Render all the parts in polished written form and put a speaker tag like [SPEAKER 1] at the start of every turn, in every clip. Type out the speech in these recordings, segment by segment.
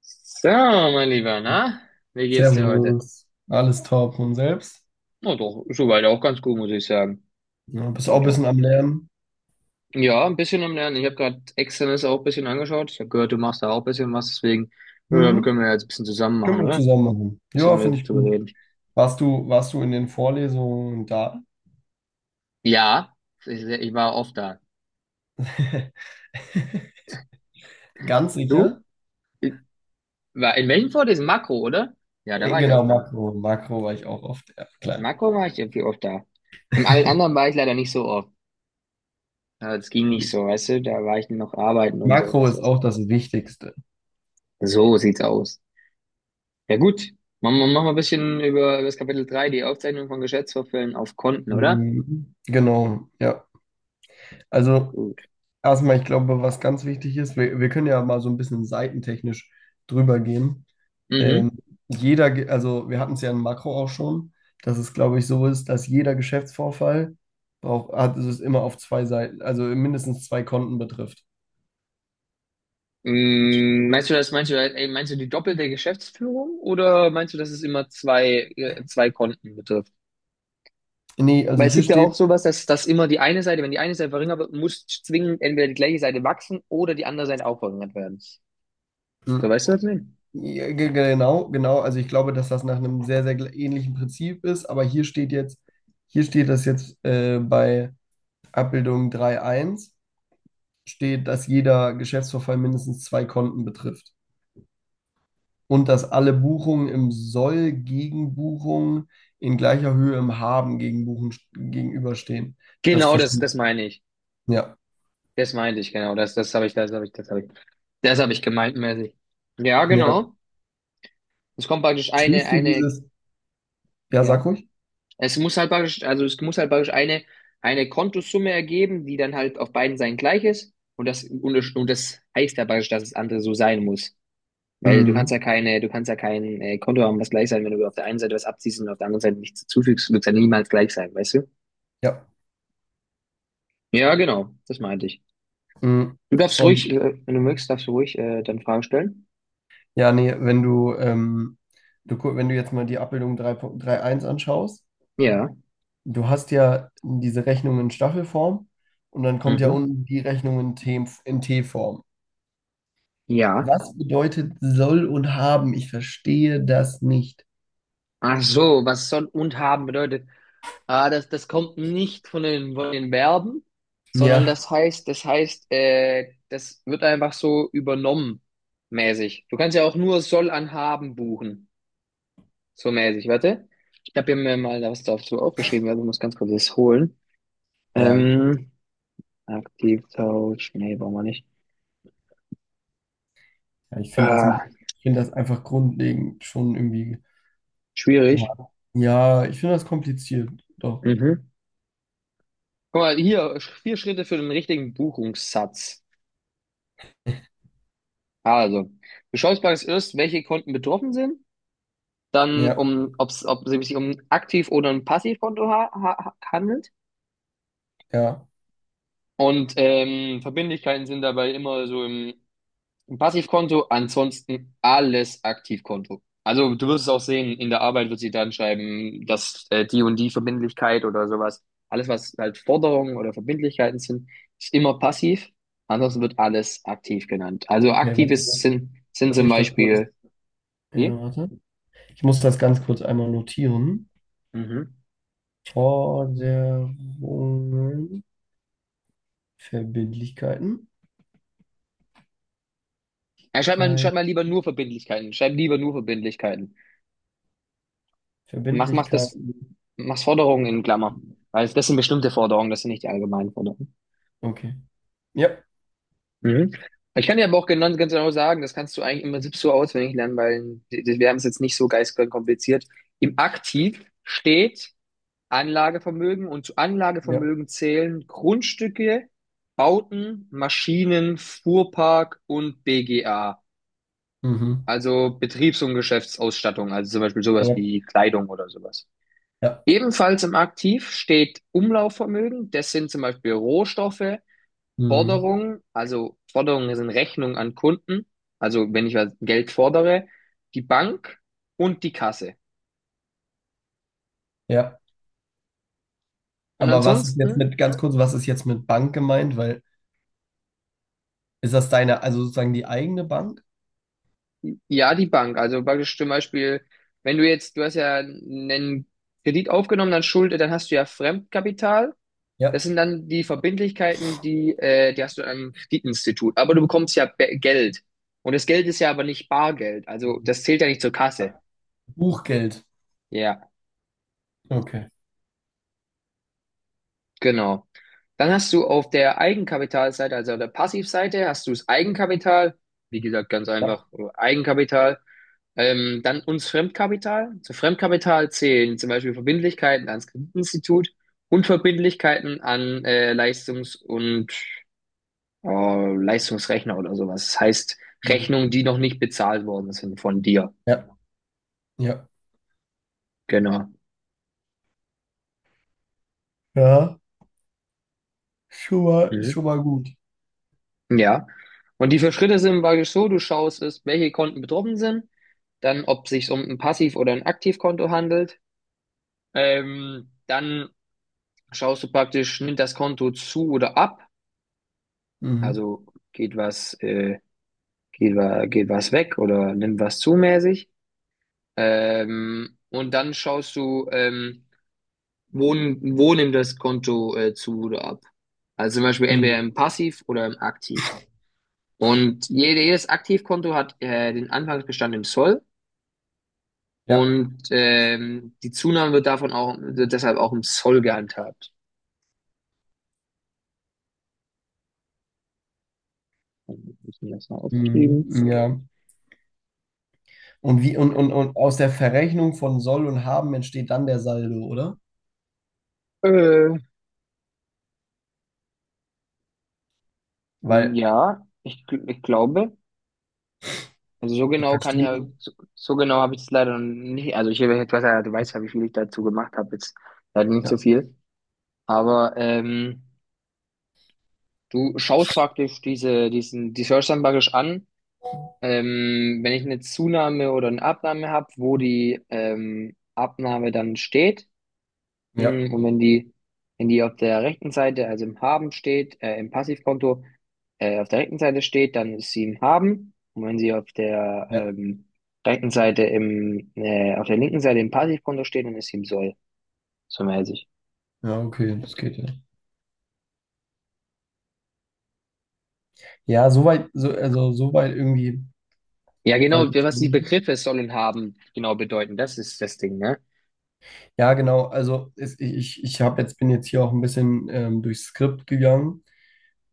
[SPEAKER 1] So, mein Lieber, na? Wie geht's dir heute?
[SPEAKER 2] Servus, alles top und selbst?
[SPEAKER 1] Na doch, soweit auch ganz gut, muss ich sagen.
[SPEAKER 2] Ja, bist auch
[SPEAKER 1] Na
[SPEAKER 2] ein
[SPEAKER 1] doch.
[SPEAKER 2] bisschen am Lernen.
[SPEAKER 1] Ja, ein bisschen am Lernen. Ich habe gerade Externes auch ein bisschen angeschaut. Ich habe gehört, du machst da auch ein bisschen was, deswegen, ja, wir
[SPEAKER 2] Mhm.
[SPEAKER 1] können ja jetzt ein bisschen zusammen machen,
[SPEAKER 2] Können wir
[SPEAKER 1] oder? Ein
[SPEAKER 2] zusammen machen.
[SPEAKER 1] bisschen
[SPEAKER 2] Ja,
[SPEAKER 1] mehr
[SPEAKER 2] finde ich
[SPEAKER 1] zu
[SPEAKER 2] gut.
[SPEAKER 1] reden.
[SPEAKER 2] Warst du in den Vorlesungen da?
[SPEAKER 1] Ja, ich war oft da.
[SPEAKER 2] Ganz
[SPEAKER 1] Du?
[SPEAKER 2] sicher?
[SPEAKER 1] Ich- War, in welchem Fort ist Makro, oder? Ja, da
[SPEAKER 2] Äh,
[SPEAKER 1] war ich
[SPEAKER 2] Genau,
[SPEAKER 1] oft da.
[SPEAKER 2] Makro. Makro war ich auch oft, ja,
[SPEAKER 1] In
[SPEAKER 2] klar.
[SPEAKER 1] Makro war ich irgendwie oft da. Im allen anderen war ich leider nicht so oft. Ja, es ging nicht so, weißt du? Da war ich noch arbeiten und so,
[SPEAKER 2] Makro
[SPEAKER 1] was
[SPEAKER 2] ist
[SPEAKER 1] weiß
[SPEAKER 2] auch das Wichtigste.
[SPEAKER 1] ich. So sieht's aus. Ja gut, machen wir ein bisschen über, über das Kapitel drei, die Aufzeichnung von Geschäftsvorfällen auf Konten, oder?
[SPEAKER 2] Mhm. Genau, ja. Also
[SPEAKER 1] Gut.
[SPEAKER 2] erstmal, ich glaube, was ganz wichtig ist, wir können ja mal so ein bisschen seitentechnisch drüber gehen. Ähm,
[SPEAKER 1] Mhm.
[SPEAKER 2] also wir hatten es ja in Makro auch schon, dass es, glaube ich, so ist, dass jeder Geschäftsvorfall es ist immer auf zwei Seiten, also mindestens zwei Konten betrifft.
[SPEAKER 1] Mm, meinst du die doppelte Geschäftsführung oder meinst du, dass es immer zwei, zwei Konten betrifft?
[SPEAKER 2] Nee, also
[SPEAKER 1] Weil es
[SPEAKER 2] hier
[SPEAKER 1] gibt ja auch
[SPEAKER 2] steht,
[SPEAKER 1] sowas, dass immer die eine Seite, wenn die eine Seite verringert wird, muss zwingend entweder die gleiche Seite wachsen oder die andere Seite auch verringert werden. So,
[SPEAKER 2] hm,
[SPEAKER 1] weißt du, was ich meine?
[SPEAKER 2] ja, genau, genau, also ich glaube, dass das nach einem sehr, sehr ähnlichen Prinzip ist, aber hier steht jetzt, hier steht das jetzt bei Abbildung drei Punkt eins. Steht, dass jeder Geschäftsvorfall mindestens zwei Konten betrifft und dass alle Buchungen im Soll gegen Buchungen in gleicher Höhe im Haben gegen gegenüberstehen. Das
[SPEAKER 1] Genau, das,
[SPEAKER 2] verstehe
[SPEAKER 1] das
[SPEAKER 2] ich.
[SPEAKER 1] meine ich.
[SPEAKER 2] Ja.
[SPEAKER 1] Das meinte ich, genau. Das, das habe ich, das habe ich, das habe ich, das habe ich gemeint, mäßig. Ja,
[SPEAKER 2] Ja.
[SPEAKER 1] genau. Es kommt praktisch eine,
[SPEAKER 2] Verstehst du
[SPEAKER 1] eine
[SPEAKER 2] dieses? Ja, sag
[SPEAKER 1] Ja.
[SPEAKER 2] ruhig.
[SPEAKER 1] Es muss halt praktisch, also es muss halt praktisch eine Kontosumme ergeben, die dann halt auf beiden Seiten gleich ist. Und das, und das heißt ja praktisch, dass das andere so sein muss. Weil du kannst
[SPEAKER 2] Mhm.
[SPEAKER 1] ja keine, du kannst ja kein Konto haben, was gleich sein, wenn du auf der einen Seite was abziehst und auf der anderen Seite nichts zufügst, wird es ja niemals gleich sein, weißt du?
[SPEAKER 2] Ja.
[SPEAKER 1] Ja, genau, das meinte ich.
[SPEAKER 2] Mhm.
[SPEAKER 1] Du darfst ruhig,
[SPEAKER 2] Und
[SPEAKER 1] wenn du möchtest, darfst du ruhig dann Fragen stellen.
[SPEAKER 2] ja, nee, wenn du, wenn du jetzt mal die Abbildung drei Punkt eins anschaust,
[SPEAKER 1] Ja.
[SPEAKER 2] du hast ja diese Rechnung in Staffelform und dann kommt ja
[SPEAKER 1] Mhm.
[SPEAKER 2] unten die Rechnung in T-Form.
[SPEAKER 1] Ja.
[SPEAKER 2] Was bedeutet soll und haben? Ich verstehe das nicht.
[SPEAKER 1] Ach so, was soll und haben bedeutet. Ah, das, das kommt nicht von den, von den Verben, sondern
[SPEAKER 2] Ja,
[SPEAKER 1] das heißt, das heißt, das wird einfach so übernommen, mäßig. Du kannst ja auch nur soll an haben buchen, so mäßig. Warte, ich habe mir mal was dazu aufgeschrieben, also ich muss ganz kurz das holen.
[SPEAKER 2] ja,
[SPEAKER 1] Ähm, Aktivtausch, nee, brauchen wir nicht.
[SPEAKER 2] ja ich finde
[SPEAKER 1] Ah,
[SPEAKER 2] ich finde das einfach grundlegend schon irgendwie. Ja,
[SPEAKER 1] schwierig.
[SPEAKER 2] ja ich finde das kompliziert. Doch.
[SPEAKER 1] Mhm. Guck mal, hier, vier Schritte für den richtigen Buchungssatz. Also, du schaust bei uns erst, welche Konten betroffen sind, dann
[SPEAKER 2] Ja,
[SPEAKER 1] um, ob's, ob es sich um ein Aktiv- oder ein Passivkonto ha ha handelt.
[SPEAKER 2] ja.
[SPEAKER 1] Und Verbindlichkeiten sind dabei immer so im, im Passivkonto, ansonsten alles Aktivkonto. Also du wirst es auch sehen, in der Arbeit wird sie dann schreiben, dass die und die Verbindlichkeit oder sowas, alles was halt Forderungen oder Verbindlichkeiten sind, ist immer passiv. Ansonsten wird alles aktiv genannt. Also
[SPEAKER 2] Okay,
[SPEAKER 1] aktiv
[SPEAKER 2] warte,
[SPEAKER 1] ist,
[SPEAKER 2] lass
[SPEAKER 1] sind
[SPEAKER 2] lass
[SPEAKER 1] zum
[SPEAKER 2] mich das kurz.
[SPEAKER 1] Beispiel,
[SPEAKER 2] Ja,
[SPEAKER 1] wie?
[SPEAKER 2] warte. Ich muss das ganz kurz einmal notieren.
[SPEAKER 1] Mhm.
[SPEAKER 2] Forderungen, Verbindlichkeiten.
[SPEAKER 1] Ja,
[SPEAKER 2] Kein
[SPEAKER 1] schreib mal lieber nur Verbindlichkeiten. Schreib lieber nur Verbindlichkeiten. Mach, mach das,
[SPEAKER 2] Verbindlichkeiten.
[SPEAKER 1] mach Forderungen in Klammer. Weil das sind bestimmte Forderungen, das sind nicht die allgemeinen Forderungen.
[SPEAKER 2] Okay. Ja,
[SPEAKER 1] Mhm. Ich kann dir aber auch genau, ganz genau sagen, das kannst du eigentlich im Prinzip so auswendig lernen, weil wir haben es jetzt nicht so geistig kompliziert. Im Aktiv steht Anlagevermögen und zu
[SPEAKER 2] ja.
[SPEAKER 1] Anlagevermögen zählen Grundstücke, Bauten, Maschinen, Fuhrpark und BGA.
[SPEAKER 2] Mhm.
[SPEAKER 1] Also Betriebs- und Geschäftsausstattung, also zum Beispiel sowas
[SPEAKER 2] Ja,
[SPEAKER 1] wie Kleidung oder sowas.
[SPEAKER 2] ja.
[SPEAKER 1] Ebenfalls im Aktiv steht Umlaufvermögen. Das sind zum Beispiel Rohstoffe,
[SPEAKER 2] Mhm.
[SPEAKER 1] Forderungen, also Forderungen sind Rechnungen an Kunden, also wenn ich was Geld fordere, die Bank und die Kasse.
[SPEAKER 2] Ja.
[SPEAKER 1] Und
[SPEAKER 2] Aber was ist jetzt
[SPEAKER 1] ansonsten,
[SPEAKER 2] mit, ganz kurz, was ist jetzt mit Bank gemeint? Weil ist das deine, also sozusagen die eigene Bank?
[SPEAKER 1] ja, die Bank. Also praktisch zum Beispiel, wenn du jetzt, du hast ja einen Kredit aufgenommen, dann Schulde, dann hast du ja Fremdkapital. Das
[SPEAKER 2] Ja.
[SPEAKER 1] sind dann die Verbindlichkeiten, die hast du am Kreditinstitut. Aber du bekommst ja Geld. Und das Geld ist ja aber nicht Bargeld. Also
[SPEAKER 2] Mhm.
[SPEAKER 1] das zählt ja nicht zur Kasse.
[SPEAKER 2] Buchgeld.
[SPEAKER 1] Ja,
[SPEAKER 2] Okay.
[SPEAKER 1] genau. Dann hast du auf der Eigenkapitalseite, also auf der Passivseite, hast du das Eigenkapital. Wie gesagt, ganz
[SPEAKER 2] Ja.
[SPEAKER 1] einfach Eigenkapital. Dann uns Fremdkapital. Zu Fremdkapital zählen zum Beispiel Verbindlichkeiten ans Kreditinstitut und Verbindlichkeiten an Leistungs- und Leistungsrechner oder sowas. Das heißt,
[SPEAKER 2] Mhm.
[SPEAKER 1] Rechnungen, die noch nicht bezahlt worden sind von dir.
[SPEAKER 2] Ja. Ja.
[SPEAKER 1] Genau.
[SPEAKER 2] Ja.
[SPEAKER 1] Mhm.
[SPEAKER 2] Schon mal gut.
[SPEAKER 1] Ja. Und die vier Schritte sind praktisch so, du schaust es, welche Konten betroffen sind, dann ob es sich um ein Passiv- oder ein Aktivkonto handelt. Dann schaust du praktisch, nimmt das Konto zu oder ab,
[SPEAKER 2] Mhm.
[SPEAKER 1] also geht was, äh, geht was weg oder nimmt was zu mäßig. Und dann schaust du, wo nimmt das Konto zu oder ab? Also zum Beispiel entweder
[SPEAKER 2] Mhm.
[SPEAKER 1] im Passiv oder im Aktiv. Und jedes Aktivkonto hat den Anfangsbestand im Soll
[SPEAKER 2] Ja.
[SPEAKER 1] und die Zunahme wird deshalb auch im Soll gehandhabt. Ich mir das mal aufschreiben.
[SPEAKER 2] Mhm. Ja. Und und aus der Verrechnung von Soll und Haben entsteht dann der Saldo, oder?
[SPEAKER 1] Äh,
[SPEAKER 2] Weil
[SPEAKER 1] ja, ich ich glaube. Also so
[SPEAKER 2] ich
[SPEAKER 1] genau kann ich halt,
[SPEAKER 2] verstehe.
[SPEAKER 1] so, so genau habe ich es leider nicht. Also ich habe etwas, ja, du weißt ja, wie viel ich dazu gemacht habe jetzt. Leider nicht so
[SPEAKER 2] Ja.
[SPEAKER 1] viel. Aber du schaust praktisch diese, diesen, die Search dann praktisch an. Wenn ich eine Zunahme oder eine Abnahme habe, wo die Abnahme dann steht,
[SPEAKER 2] Ja.
[SPEAKER 1] Und wenn die auf der rechten Seite, also im Haben steht, im Passivkonto, auf der rechten Seite steht, dann ist sie im Haben. Und wenn sie auf der
[SPEAKER 2] Ja.
[SPEAKER 1] auf der linken Seite im Passivkonto steht, dann ist sie im Soll, so mäßig.
[SPEAKER 2] Ja, okay, das geht ja. Ja, soweit, so, also soweit irgendwie
[SPEAKER 1] Ja, genau,
[SPEAKER 2] voll
[SPEAKER 1] was die
[SPEAKER 2] verstanden.
[SPEAKER 1] Begriffe sollen haben, genau bedeuten, das ist das Ding, ne?
[SPEAKER 2] Ja, genau. Also es, ich, ich hab bin jetzt hier auch ein bisschen durchs Skript gegangen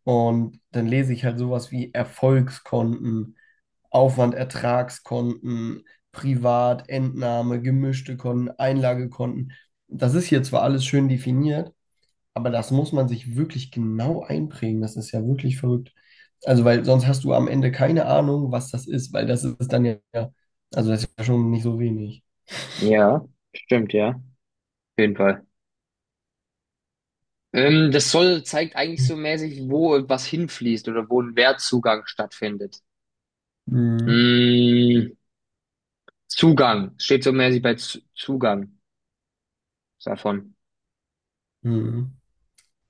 [SPEAKER 2] und dann lese ich halt sowas wie Erfolgskonten, Aufwand, Ertragskonten, Privat, Entnahme, gemischte Konten, Einlagekonten. Das ist hier zwar alles schön definiert, aber das muss man sich wirklich genau einprägen. Das ist ja wirklich verrückt. Also, weil sonst hast du am Ende keine Ahnung, was das ist, weil das ist dann ja, also das ist ja schon nicht so wenig.
[SPEAKER 1] Ja, stimmt, ja. Auf jeden Fall. Das soll zeigt eigentlich so mäßig, wo was hinfließt oder wo ein Wertzugang stattfindet.
[SPEAKER 2] Mhm.
[SPEAKER 1] Mm, Zugang. Steht so mäßig bei Z Zugang davon.
[SPEAKER 2] Mhm.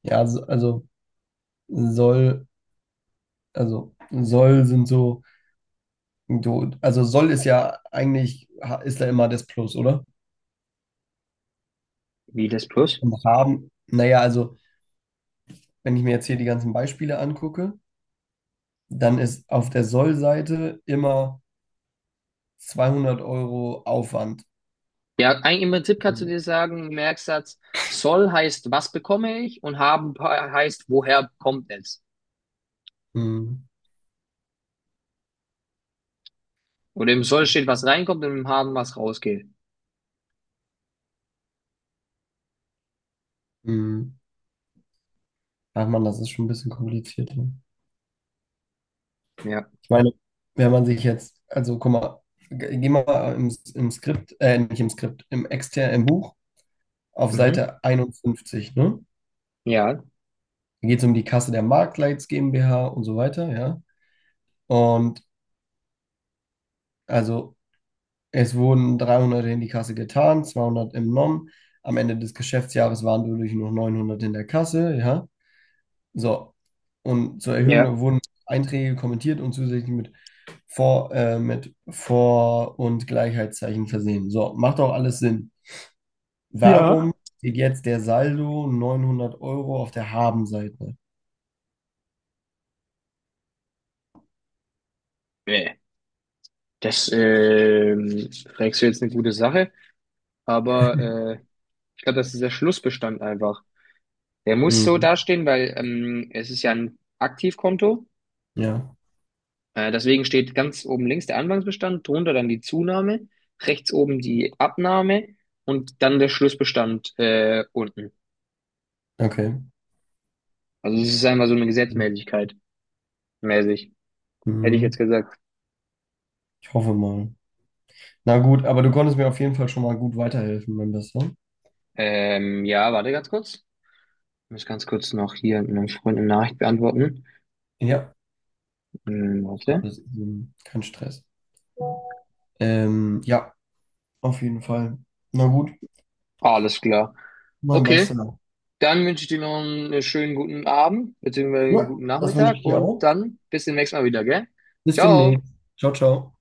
[SPEAKER 2] Ja, soll, also soll sind so, also soll ist ja eigentlich, ist da immer das Plus, oder?
[SPEAKER 1] Wie das plus?
[SPEAKER 2] Und haben, naja, also wenn ich mir jetzt hier die ganzen Beispiele angucke, dann ist auf der Soll-Seite immer 200 Euro Aufwand.
[SPEAKER 1] Ja, eigentlich im Prinzip kannst du
[SPEAKER 2] Also,
[SPEAKER 1] dir sagen, Merksatz, soll heißt, was bekomme ich und haben heißt, woher kommt es?
[SPEAKER 2] mm,
[SPEAKER 1] Oder im soll steht, was reinkommt und im haben, was rausgeht.
[SPEAKER 2] mm. Ach man, das ist schon ein bisschen kompliziert. Ne?
[SPEAKER 1] Ja.
[SPEAKER 2] Ich meine, wenn man sich jetzt, also guck mal, geh mal im Skript, nicht im Skript, im externen, im Buch auf
[SPEAKER 1] Mhm.
[SPEAKER 2] Seite 51, ne?
[SPEAKER 1] Ja,
[SPEAKER 2] Da geht es um die Kasse der Marktleits GmbH und so weiter, ja. Und also es wurden 300 in die Kasse getan, 200 entnommen. Am Ende des Geschäftsjahres waren dadurch noch 900 in der Kasse, ja. So. Und zur
[SPEAKER 1] ja.
[SPEAKER 2] Erhöhung wurden Einträge kommentiert und zusätzlich mit mit Vor- und Gleichheitszeichen versehen. So, macht auch alles Sinn.
[SPEAKER 1] Ja.
[SPEAKER 2] Warum steht jetzt der Saldo 900 Euro auf der Habenseite?
[SPEAKER 1] Nee. Das fragst du jetzt eine gute Sache. Aber äh, ich glaube, das ist der Schlussbestand einfach. Der muss so
[SPEAKER 2] Mhm.
[SPEAKER 1] dastehen, weil es ist ja ein Aktivkonto.
[SPEAKER 2] Ja.
[SPEAKER 1] Deswegen steht ganz oben links der Anfangsbestand, drunter dann die Zunahme, rechts oben die Abnahme und dann der Schlussbestand unten.
[SPEAKER 2] Okay.
[SPEAKER 1] Also es ist einfach so eine Gesetzmäßigkeit mäßig, hätte ich jetzt
[SPEAKER 2] Mhm.
[SPEAKER 1] gesagt.
[SPEAKER 2] Ich hoffe mal. Na gut, aber du konntest mir auf jeden Fall schon mal gut weiterhelfen, mein Bester.
[SPEAKER 1] Ja, warte ganz kurz. Ich muss ganz kurz noch hier meinem Freund eine Nachricht beantworten.
[SPEAKER 2] Ja, Ja.
[SPEAKER 1] Warte.
[SPEAKER 2] Kein Stress. Ja, auf jeden Fall. Na gut,
[SPEAKER 1] Alles klar.
[SPEAKER 2] mein
[SPEAKER 1] Okay.
[SPEAKER 2] Bester.
[SPEAKER 1] Dann wünsche ich dir noch einen schönen guten Abend, beziehungsweise einen
[SPEAKER 2] Ja,
[SPEAKER 1] guten
[SPEAKER 2] das wünsche
[SPEAKER 1] Nachmittag
[SPEAKER 2] ich dir
[SPEAKER 1] und
[SPEAKER 2] auch.
[SPEAKER 1] dann bis zum nächsten Mal wieder, gell?
[SPEAKER 2] Bis
[SPEAKER 1] Ciao.
[SPEAKER 2] demnächst. Ciao, ciao.